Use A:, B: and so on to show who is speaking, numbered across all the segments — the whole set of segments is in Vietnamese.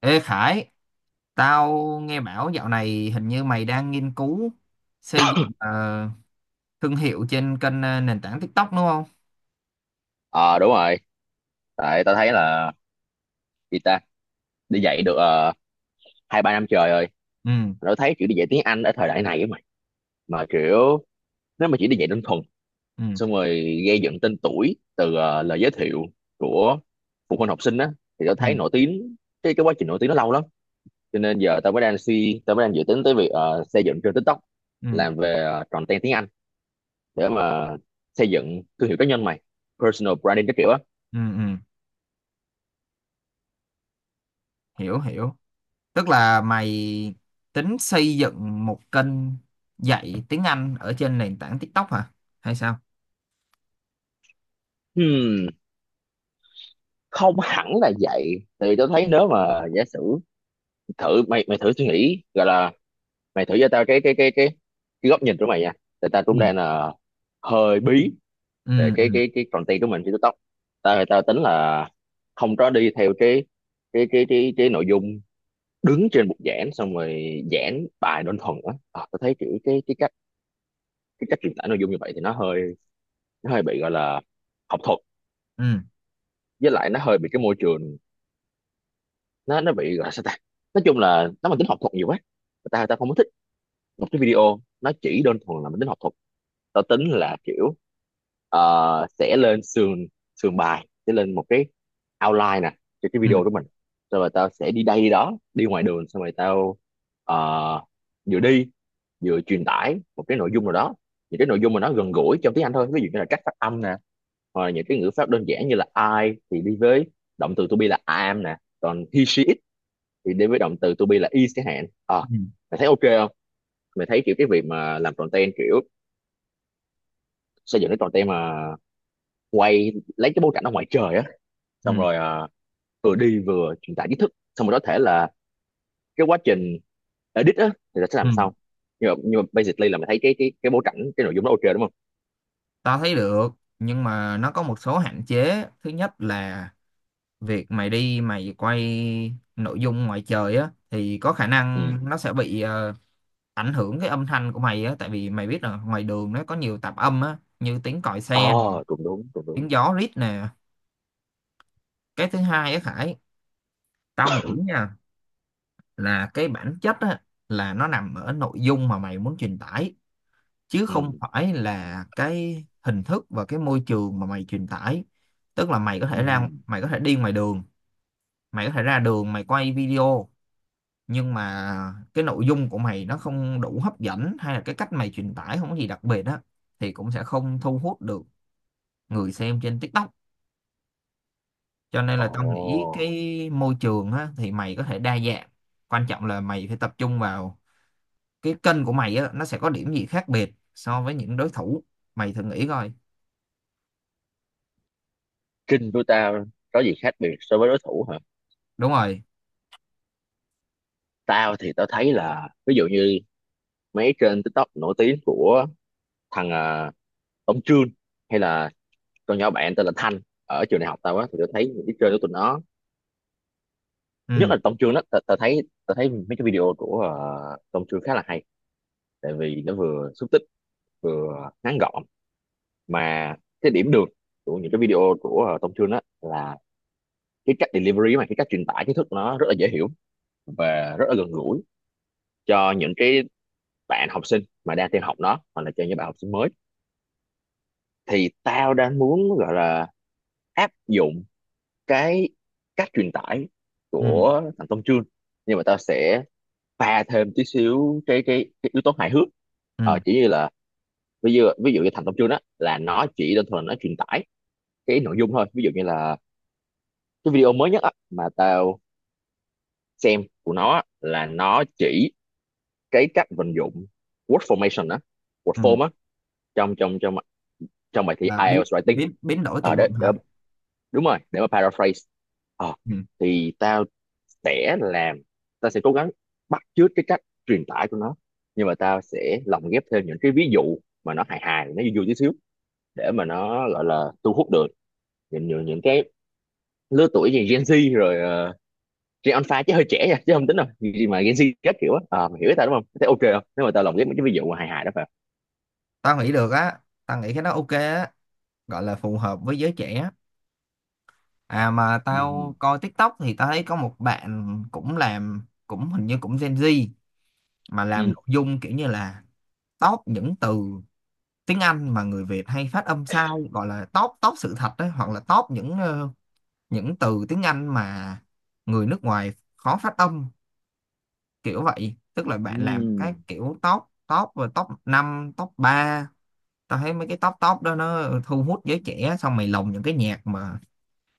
A: Ê Khải, tao nghe bảo dạo này hình như mày đang nghiên cứu xây dựng thương hiệu trên kênh nền tảng TikTok đúng không?
B: Ờ đúng rồi. Tại tao thấy là gì ta đi dạy được hai ba năm trời rồi.
A: Ừ.
B: Tao thấy kiểu đi dạy tiếng Anh ở thời đại này á mày. Mà kiểu nếu mà chỉ đi dạy đơn thuần
A: Ừ.
B: xong rồi gây dựng tên tuổi từ lời giới thiệu của phụ huynh học sinh á thì tao
A: Ừ.
B: thấy nổi tiếng, cái quá trình nổi tiếng nó lâu lắm. Cho nên giờ tao mới đang dự tính tới việc xây dựng trên TikTok,
A: Ừ.
B: làm về content tiếng Anh để mà xây dựng thương hiệu cá nhân mày, personal branding các kiểu á.
A: Ừ. Ừ. Hiểu hiểu. Tức là mày tính xây dựng một kênh dạy tiếng Anh ở trên nền tảng TikTok hả? Hay sao?
B: Hmm. Không hẳn là vậy, tại vì tôi thấy nếu mà giả sử thử mày mày thử suy nghĩ, gọi là mày thử cho tao cái góc nhìn của mày nha, tại tao
A: Ừ.
B: cũng đang là hơi bí về
A: Ừ.
B: cái
A: Ừ.
B: cái cái content của mình trên TikTok. Tao tao tính là không có đi theo cái nội dung đứng trên bục giảng xong rồi giảng bài đơn thuần á, à, tao thấy kiểu cái cách truyền tải nội dung như vậy thì nó hơi bị gọi là học thuật,
A: Ừ.
B: với lại nó hơi bị cái môi trường, nó bị gọi là sao ta, nói chung là nó mang tính học thuật nhiều quá. Người ta không có thích một cái video nó chỉ đơn thuần là mang tính học thuật. Tao tính là kiểu sẽ lên sườn sườn bài, sẽ lên một cái outline nè cho cái
A: Ừ.
B: video của mình. Xong rồi tao sẽ đi đây đi đó đi ngoài đường, xong rồi tao ờ, vừa đi vừa truyền tải một cái nội dung nào đó, những cái nội dung mà nó gần gũi trong tiếng Anh thôi. Ví dụ như là cách phát âm nè, hoặc là những cái ngữ pháp đơn giản như là I thì đi với động từ to be là I am nè, còn he she it thì đến với động từ to be là is chẳng hạn, à,
A: Ừ.
B: mày thấy ok không? Mày thấy kiểu cái việc mà làm content, kiểu xây dựng cái content mà quay lấy cái bối cảnh ở ngoài trời á,
A: Ừ.
B: xong rồi vừa đi vừa truyền tải kiến thức, xong rồi có thể là cái quá trình edit á thì là sẽ
A: Ừ.
B: làm sau. Nhưng mà basically là mày thấy cái bối cảnh, cái nội dung đó ok đúng không?
A: Tao thấy được, nhưng mà nó có một số hạn chế. Thứ nhất là việc mày đi mày quay nội dung ngoài trời á thì có khả
B: Ừ.
A: năng nó sẽ bị ảnh hưởng cái âm thanh của mày á, tại vì mày biết là ngoài đường nó có nhiều tạp âm á, như tiếng còi xe nè,
B: Ờ, cũng đúng cũng đúng.
A: tiếng gió rít nè. Cái thứ hai á Khải, tao nghĩ nha, là cái bản chất á là nó nằm ở nội dung mà mày muốn truyền tải chứ
B: Ừ.
A: không phải là cái hình thức và cái môi trường mà mày truyền tải. Tức là mày có
B: Ừ.
A: thể ra, mày có thể đi ngoài đường, mày có thể ra đường mày quay video, nhưng mà cái nội dung của mày nó không đủ hấp dẫn hay là cái cách mày truyền tải không có gì đặc biệt á thì cũng sẽ không thu hút được người xem trên TikTok. Cho nên
B: Ồ.
A: là tao nghĩ cái môi trường á thì mày có thể đa dạng, quan trọng là mày phải tập trung vào cái kênh của mày á, nó sẽ có điểm gì khác biệt so với những đối thủ. Mày thử nghĩ coi.
B: Trinh của tao có gì khác biệt so với đối thủ hả?
A: Đúng rồi.
B: Tao thì tao thấy là, ví dụ như mấy trên TikTok nổi tiếng của thằng Tống Trương, hay là con nhỏ bạn tên là Thanh ở trường đại học tao á, thì tao thấy những cái chơi của tụi nó. Nhất
A: Ừ.
B: là Tống Trương đó, tao thấy mấy cái video của Tống Trương khá là hay, tại vì nó vừa xúc tích vừa ngắn gọn. Mà cái điểm được của những cái video của Tống Trương đó là cái cách delivery, mà cái cách truyền tải kiến thức nó rất là dễ hiểu và rất là gần gũi cho những cái bạn học sinh mà đang theo học nó, hoặc là cho những bạn học sinh mới. Thì tao đang muốn gọi là áp dụng cái cách truyền tải
A: Ừ.
B: của thằng Tông Chương, nhưng mà tao sẽ pha thêm tí xíu cái yếu tố hài hước.
A: Ừ.
B: Chỉ như là ví dụ như thành công chương đó là nó chỉ đơn thuần là nó truyền tải cái nội dung thôi. Ví dụ như là cái video mới nhất á, mà tao xem của nó á, là nó chỉ cái cách vận dụng word formation á, word
A: Ừ.
B: form á, trong trong trong trong bài thi
A: Là biến
B: IELTS writing.
A: biến biến đổi từ
B: Ờ
A: vựng
B: đấy,
A: hả?
B: đúng rồi, để mà paraphrase. Ờ
A: Ừ.
B: thì sẽ làm tao sẽ cố gắng bắt chước cái cách truyền tải của nó, nhưng mà tao sẽ lồng ghép thêm những cái ví dụ mà nó hài hài nó vui vui tí xíu, để mà nó gọi là thu hút được những cái lứa tuổi như Gen Z rồi uh, Gen Alpha, chứ hơi trẻ nha, chứ không tính đâu gì mà Gen Z các kiểu á. Ờ, mày hiểu ý tao đúng không? Thế ok không, nếu mà tao lồng ghép mấy cái ví dụ mà hài hài đó phải không?
A: Tao nghĩ được á, tao nghĩ cái đó ok á, gọi là phù hợp với giới trẻ. À mà
B: Ừ.
A: tao coi TikTok thì tao thấy có một bạn cũng làm, cũng hình như cũng Gen Z, mà làm
B: Ừ.
A: nội dung kiểu như là top những từ tiếng Anh mà người Việt hay phát âm sai, gọi là top top sự thật đấy, hoặc là top những những từ tiếng Anh mà người nước ngoài khó phát âm, kiểu vậy. Tức là bạn làm cái
B: Ừm.
A: kiểu top top và top 5 top 3. Tao thấy mấy cái top top đó nó thu hút giới trẻ, xong mày lồng những cái nhạc mà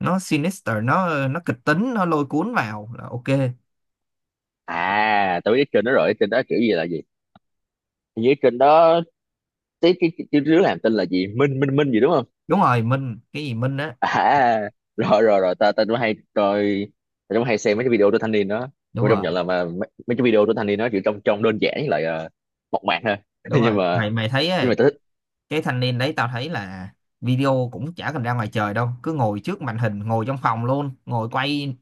A: nó sinister, nó kịch tính, nó lôi cuốn vào là ok.
B: À, tao biết cái kênh đó rồi, cái kênh đó kiểu gì là gì. Hình như cái kênh đó, cái đứa làm tên là gì, Minh Minh Minh gì đúng không?
A: Đúng rồi. Minh cái gì Minh á.
B: À, rồi rồi rồi, ta ta cũng hay coi, ta cũng hay xem mấy cái video của thanh niên đó.
A: Đúng
B: Tôi công
A: rồi.
B: nhận là mà mấy cái video của thanh niên đó chỉ trông trông đơn giản với lại mộc mạc thôi.
A: Đúng
B: nhưng
A: rồi.
B: mà
A: Mày mày thấy
B: nhưng mà
A: ấy,
B: ta thích.
A: cái thanh niên đấy tao thấy là video cũng chả cần ra ngoài trời đâu, cứ ngồi trước màn hình, ngồi trong phòng luôn, ngồi quay,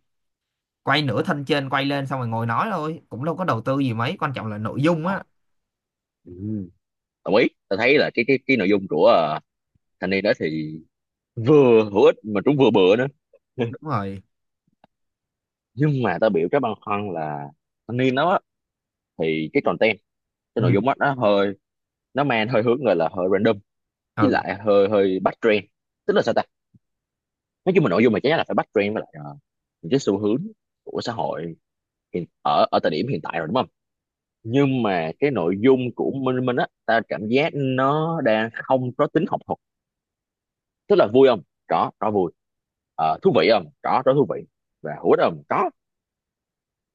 A: quay nửa thân trên quay lên xong rồi ngồi nói thôi, cũng đâu có đầu tư gì mấy, quan trọng là nội dung
B: Ờ,
A: á.
B: ừ, đồng ý, ta thấy là cái nội dung của thanh niên đó thì vừa hữu ích mà cũng vừa bựa nữa.
A: Đúng rồi.
B: Nhưng mà ta biểu cái băn khoăn là, thanh niên đó á, thì cái content, cái
A: Ừ.
B: nội dung đó nó mang hơi hướng gọi là hơi random, với
A: Ừ.
B: lại hơi hơi bắt trend, tức là sao ta, nói chung là nội dung mà chắc chắn là phải bắt trend với lại những cái xu hướng của xã hội hiện, ở ở thời điểm hiện tại rồi đúng không? Nhưng mà cái nội dung của Minh Minh á, ta cảm giác nó đang không có tính học thuật. Tức là vui không, có, có vui. Ờ, thú vị không, có, có thú vị. Và hữu ích không, có,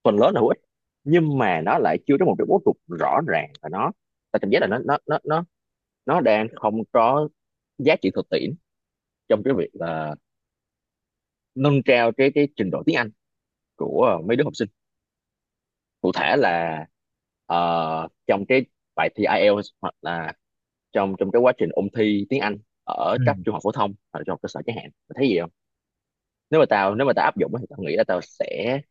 B: phần lớn là hữu ích. Nhưng mà nó lại chưa có một cái bố cục rõ ràng, và ta cảm giác là nó đang không có giá trị thực tiễn trong cái việc là nâng cao cái trình độ tiếng Anh của mấy đứa học sinh, cụ thể là trong cái bài thi IELTS hoặc là trong trong cái quá trình ôn thi tiếng Anh ở
A: Ừ.
B: cấp trung học phổ thông hoặc là trung học cơ sở chẳng hạn. Mày thấy gì không? Nếu mà tao áp dụng á thì tao nghĩ là tao sẽ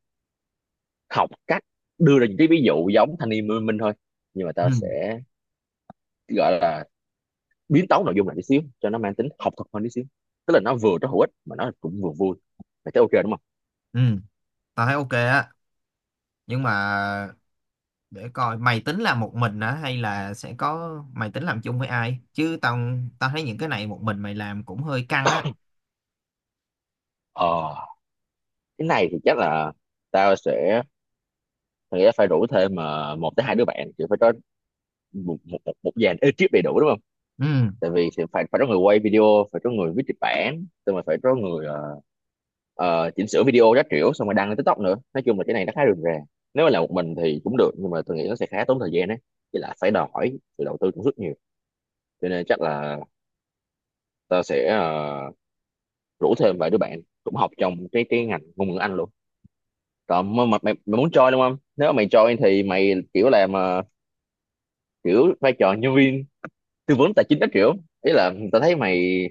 B: học cách đưa ra những cái ví dụ giống thanh niên Minh Minh thôi, nhưng mà
A: Ừ.
B: tao sẽ gọi là biến tấu nội dung lại tí xíu cho nó mang tính học thuật hơn tí xíu, tức là nó vừa nó hữu ích mà nó cũng vừa vui. Mày thấy ok đúng không?
A: Ừ. Tao thấy ok á, nhưng mà để coi mày tính làm một mình hả, hay là sẽ có mày tính làm chung với ai, chứ tao tao thấy những cái này một mình mày làm cũng hơi căng á.
B: Ờ, cái này thì chắc là tao sẽ tao nghĩ là phải rủ thêm mà một tới hai đứa bạn, chỉ phải có một dàn ekip đầy đủ đúng không?
A: Ừ.
B: Tại vì thì phải phải có người quay video, phải có người viết kịch bản, xong rồi phải có người chỉnh sửa video các kiểu, xong rồi đăng lên TikTok nữa. Nói chung là cái này nó khá rườm rà, nếu mà làm một mình thì cũng được nhưng mà tôi nghĩ nó sẽ khá tốn thời gian đấy, với lại phải đòi hỏi sự đầu tư cũng rất nhiều. Cho nên chắc là tao sẽ rủ thêm vài đứa bạn cũng học trong cái ngành ngôn ngữ Anh luôn. Còn mà mày muốn join đúng không? Nếu mà mày join thì mày kiểu làm kiểu vai trò nhân viên tư vấn tài chính các kiểu. Ý là tao thấy mày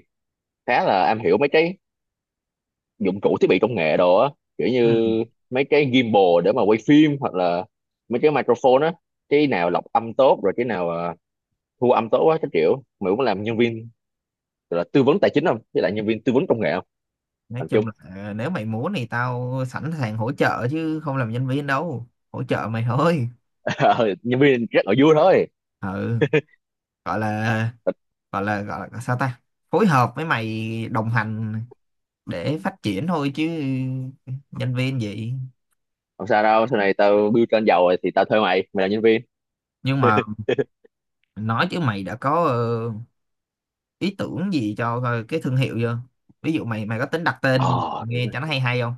B: khá là am hiểu mấy cái dụng cụ thiết bị công nghệ đồ á, kiểu
A: Ừ
B: như mấy cái gimbal để mà quay phim, hoặc là mấy cái microphone á, cái nào lọc âm tốt rồi cái nào thu âm tốt á, cái kiểu mày cũng làm nhân viên, gọi là tư vấn tài chính không với lại nhân viên tư vấn công nghệ không?
A: nói
B: Làm chung.
A: chung là nếu mày muốn thì tao sẵn sàng hỗ trợ chứ không làm nhân viên đâu, hỗ trợ mày thôi.
B: Ờ, nhân viên rất là vui thôi.
A: Ừ. gọi là gọi là sao ta, phối hợp với mày, đồng hành để phát triển thôi chứ nhân viên gì.
B: Không sao đâu, sau này tao build trên giàu rồi thì tao thuê mày, mày là nhân viên.
A: Nhưng mà nói chứ mày đã có ý tưởng gì cho coi cái thương hiệu chưa? Ví dụ mày mày có tính đặt tên
B: Ờ đúng
A: nghe cho nó
B: rồi.
A: hay hay không?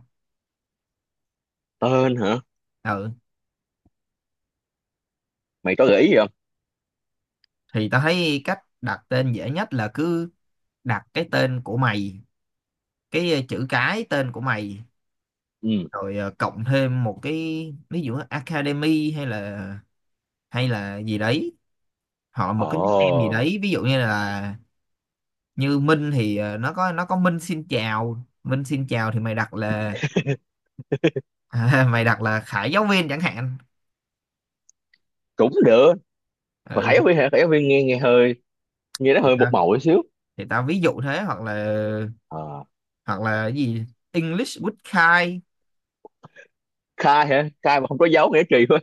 B: Tên hả?
A: Ừ.
B: Mày có gợi ý gì không?
A: Thì tao thấy cách đặt tên dễ nhất là cứ đặt cái tên của mày, cái chữ cái tên của mày,
B: Ừ.
A: rồi cộng thêm một cái, ví dụ academy, hay là gì đấy, hoặc là một cái nickname gì
B: Ờ,
A: đấy, ví dụ như là như Minh thì nó có, nó có Minh xin chào, Minh xin chào, thì mày đặt là mày đặt là Khải giáo viên chẳng hạn.
B: cũng được. Mà khải viên hả, khải viên nghe nghe hơi nghe nó
A: Ừ
B: hơi một màu một xíu.
A: thì tao ví dụ thế,
B: Ờ,
A: hoặc là cái gì English with Kai,
B: khai hả, khai mà không có dấu nghĩa trì thôi.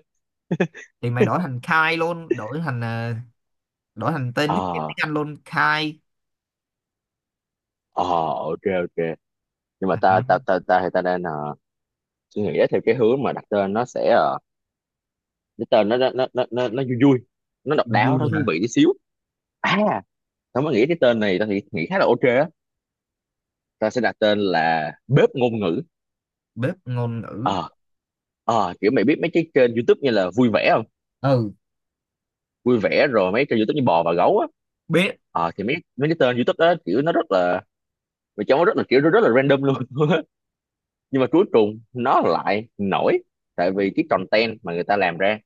A: thì mày đổi thành Kai luôn, đổi thành đổi thành tên nick tiếng
B: Ờ.
A: Anh luôn Kai.
B: Ờ, ok ok. Nhưng mà ta
A: À,
B: ta ta ta thì ta đang suy nghĩ theo cái hướng mà đặt tên nó sẽ cái tên nó vui vui, nó độc đáo, nó
A: vui
B: thú
A: hả?
B: vị tí xíu. À, tao mới nghĩ cái tên này, tao thì nghĩ khá là ok á, ta sẽ đặt tên là bếp ngôn ngữ.
A: Bếp ngôn ngữ.
B: Ờ. Ờ, kiểu mày biết mấy cái kênh YouTube như là vui vẻ không?
A: Ừ.
B: Vui vẻ, rồi mấy kênh YouTube như bò và gấu á.
A: Biết.
B: Ờ thì mấy mấy cái tên YouTube đó, kiểu nó rất là mày cho nó rất là kiểu nó rất là random luôn. Nhưng mà cuối cùng nó lại nổi, tại vì cái content mà người ta làm ra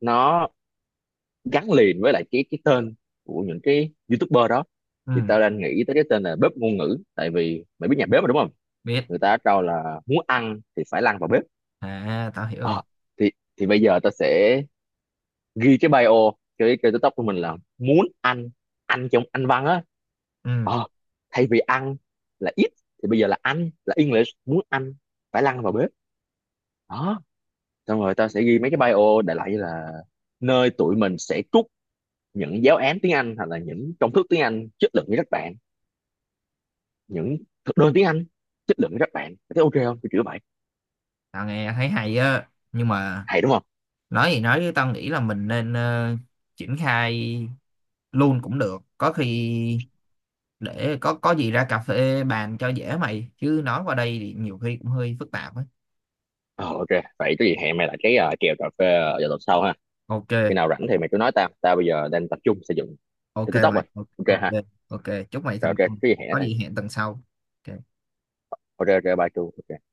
B: nó gắn liền với lại cái tên của những cái YouTuber đó. Thì
A: Ừ.
B: tao đang nghĩ tới cái tên là bếp ngôn ngữ, tại vì mày biết nhà bếp mà đúng không,
A: Biết.
B: người ta trao là muốn ăn thì phải lăn vào bếp.
A: À tao hiểu rồi.
B: Ờ, thì thì bây giờ tao sẽ ghi cái bio, cái TikTok của mình là muốn ăn, ăn trong anh văn á.
A: Ừ.
B: Ờ, thay vì ăn là eat thì bây giờ là ăn là English, muốn ăn phải lăn vào bếp đó. Xong rồi tao sẽ ghi mấy cái bio đại loại như là nơi tụi mình sẽ trút những giáo án tiếng Anh hoặc là những công thức tiếng Anh chất lượng với các bạn, những thực đơn tiếng Anh chất lượng với các bạn. Mày ok không, kiểu kiểu vậy,
A: Tao nghe thấy hay á, nhưng mà
B: hay đúng không?
A: nói gì nói chứ tao nghĩ là mình nên triển khai luôn cũng được có khi, để có gì ra cà phê bàn cho dễ mày, chứ nói qua đây thì nhiều khi cũng hơi phức tạp á.
B: Ờ, ok. Vậy có gì hẹn mày lại cái kèo cà phê vào tuần sau ha.
A: Ok.
B: Khi nào rảnh thì mày cứ nói tao, tao bây giờ đang tập trung xây dựng
A: Ok
B: cái TikTok
A: mày.
B: rồi.
A: Ok.
B: Ok
A: Ok.
B: ha?
A: Ok. Chúc mày
B: Rồi
A: thành
B: ok, cái
A: công.
B: gì hẹn
A: Có
B: tao.
A: gì hẹn tuần sau. Ok.
B: Ok ok, bye chú. Ok.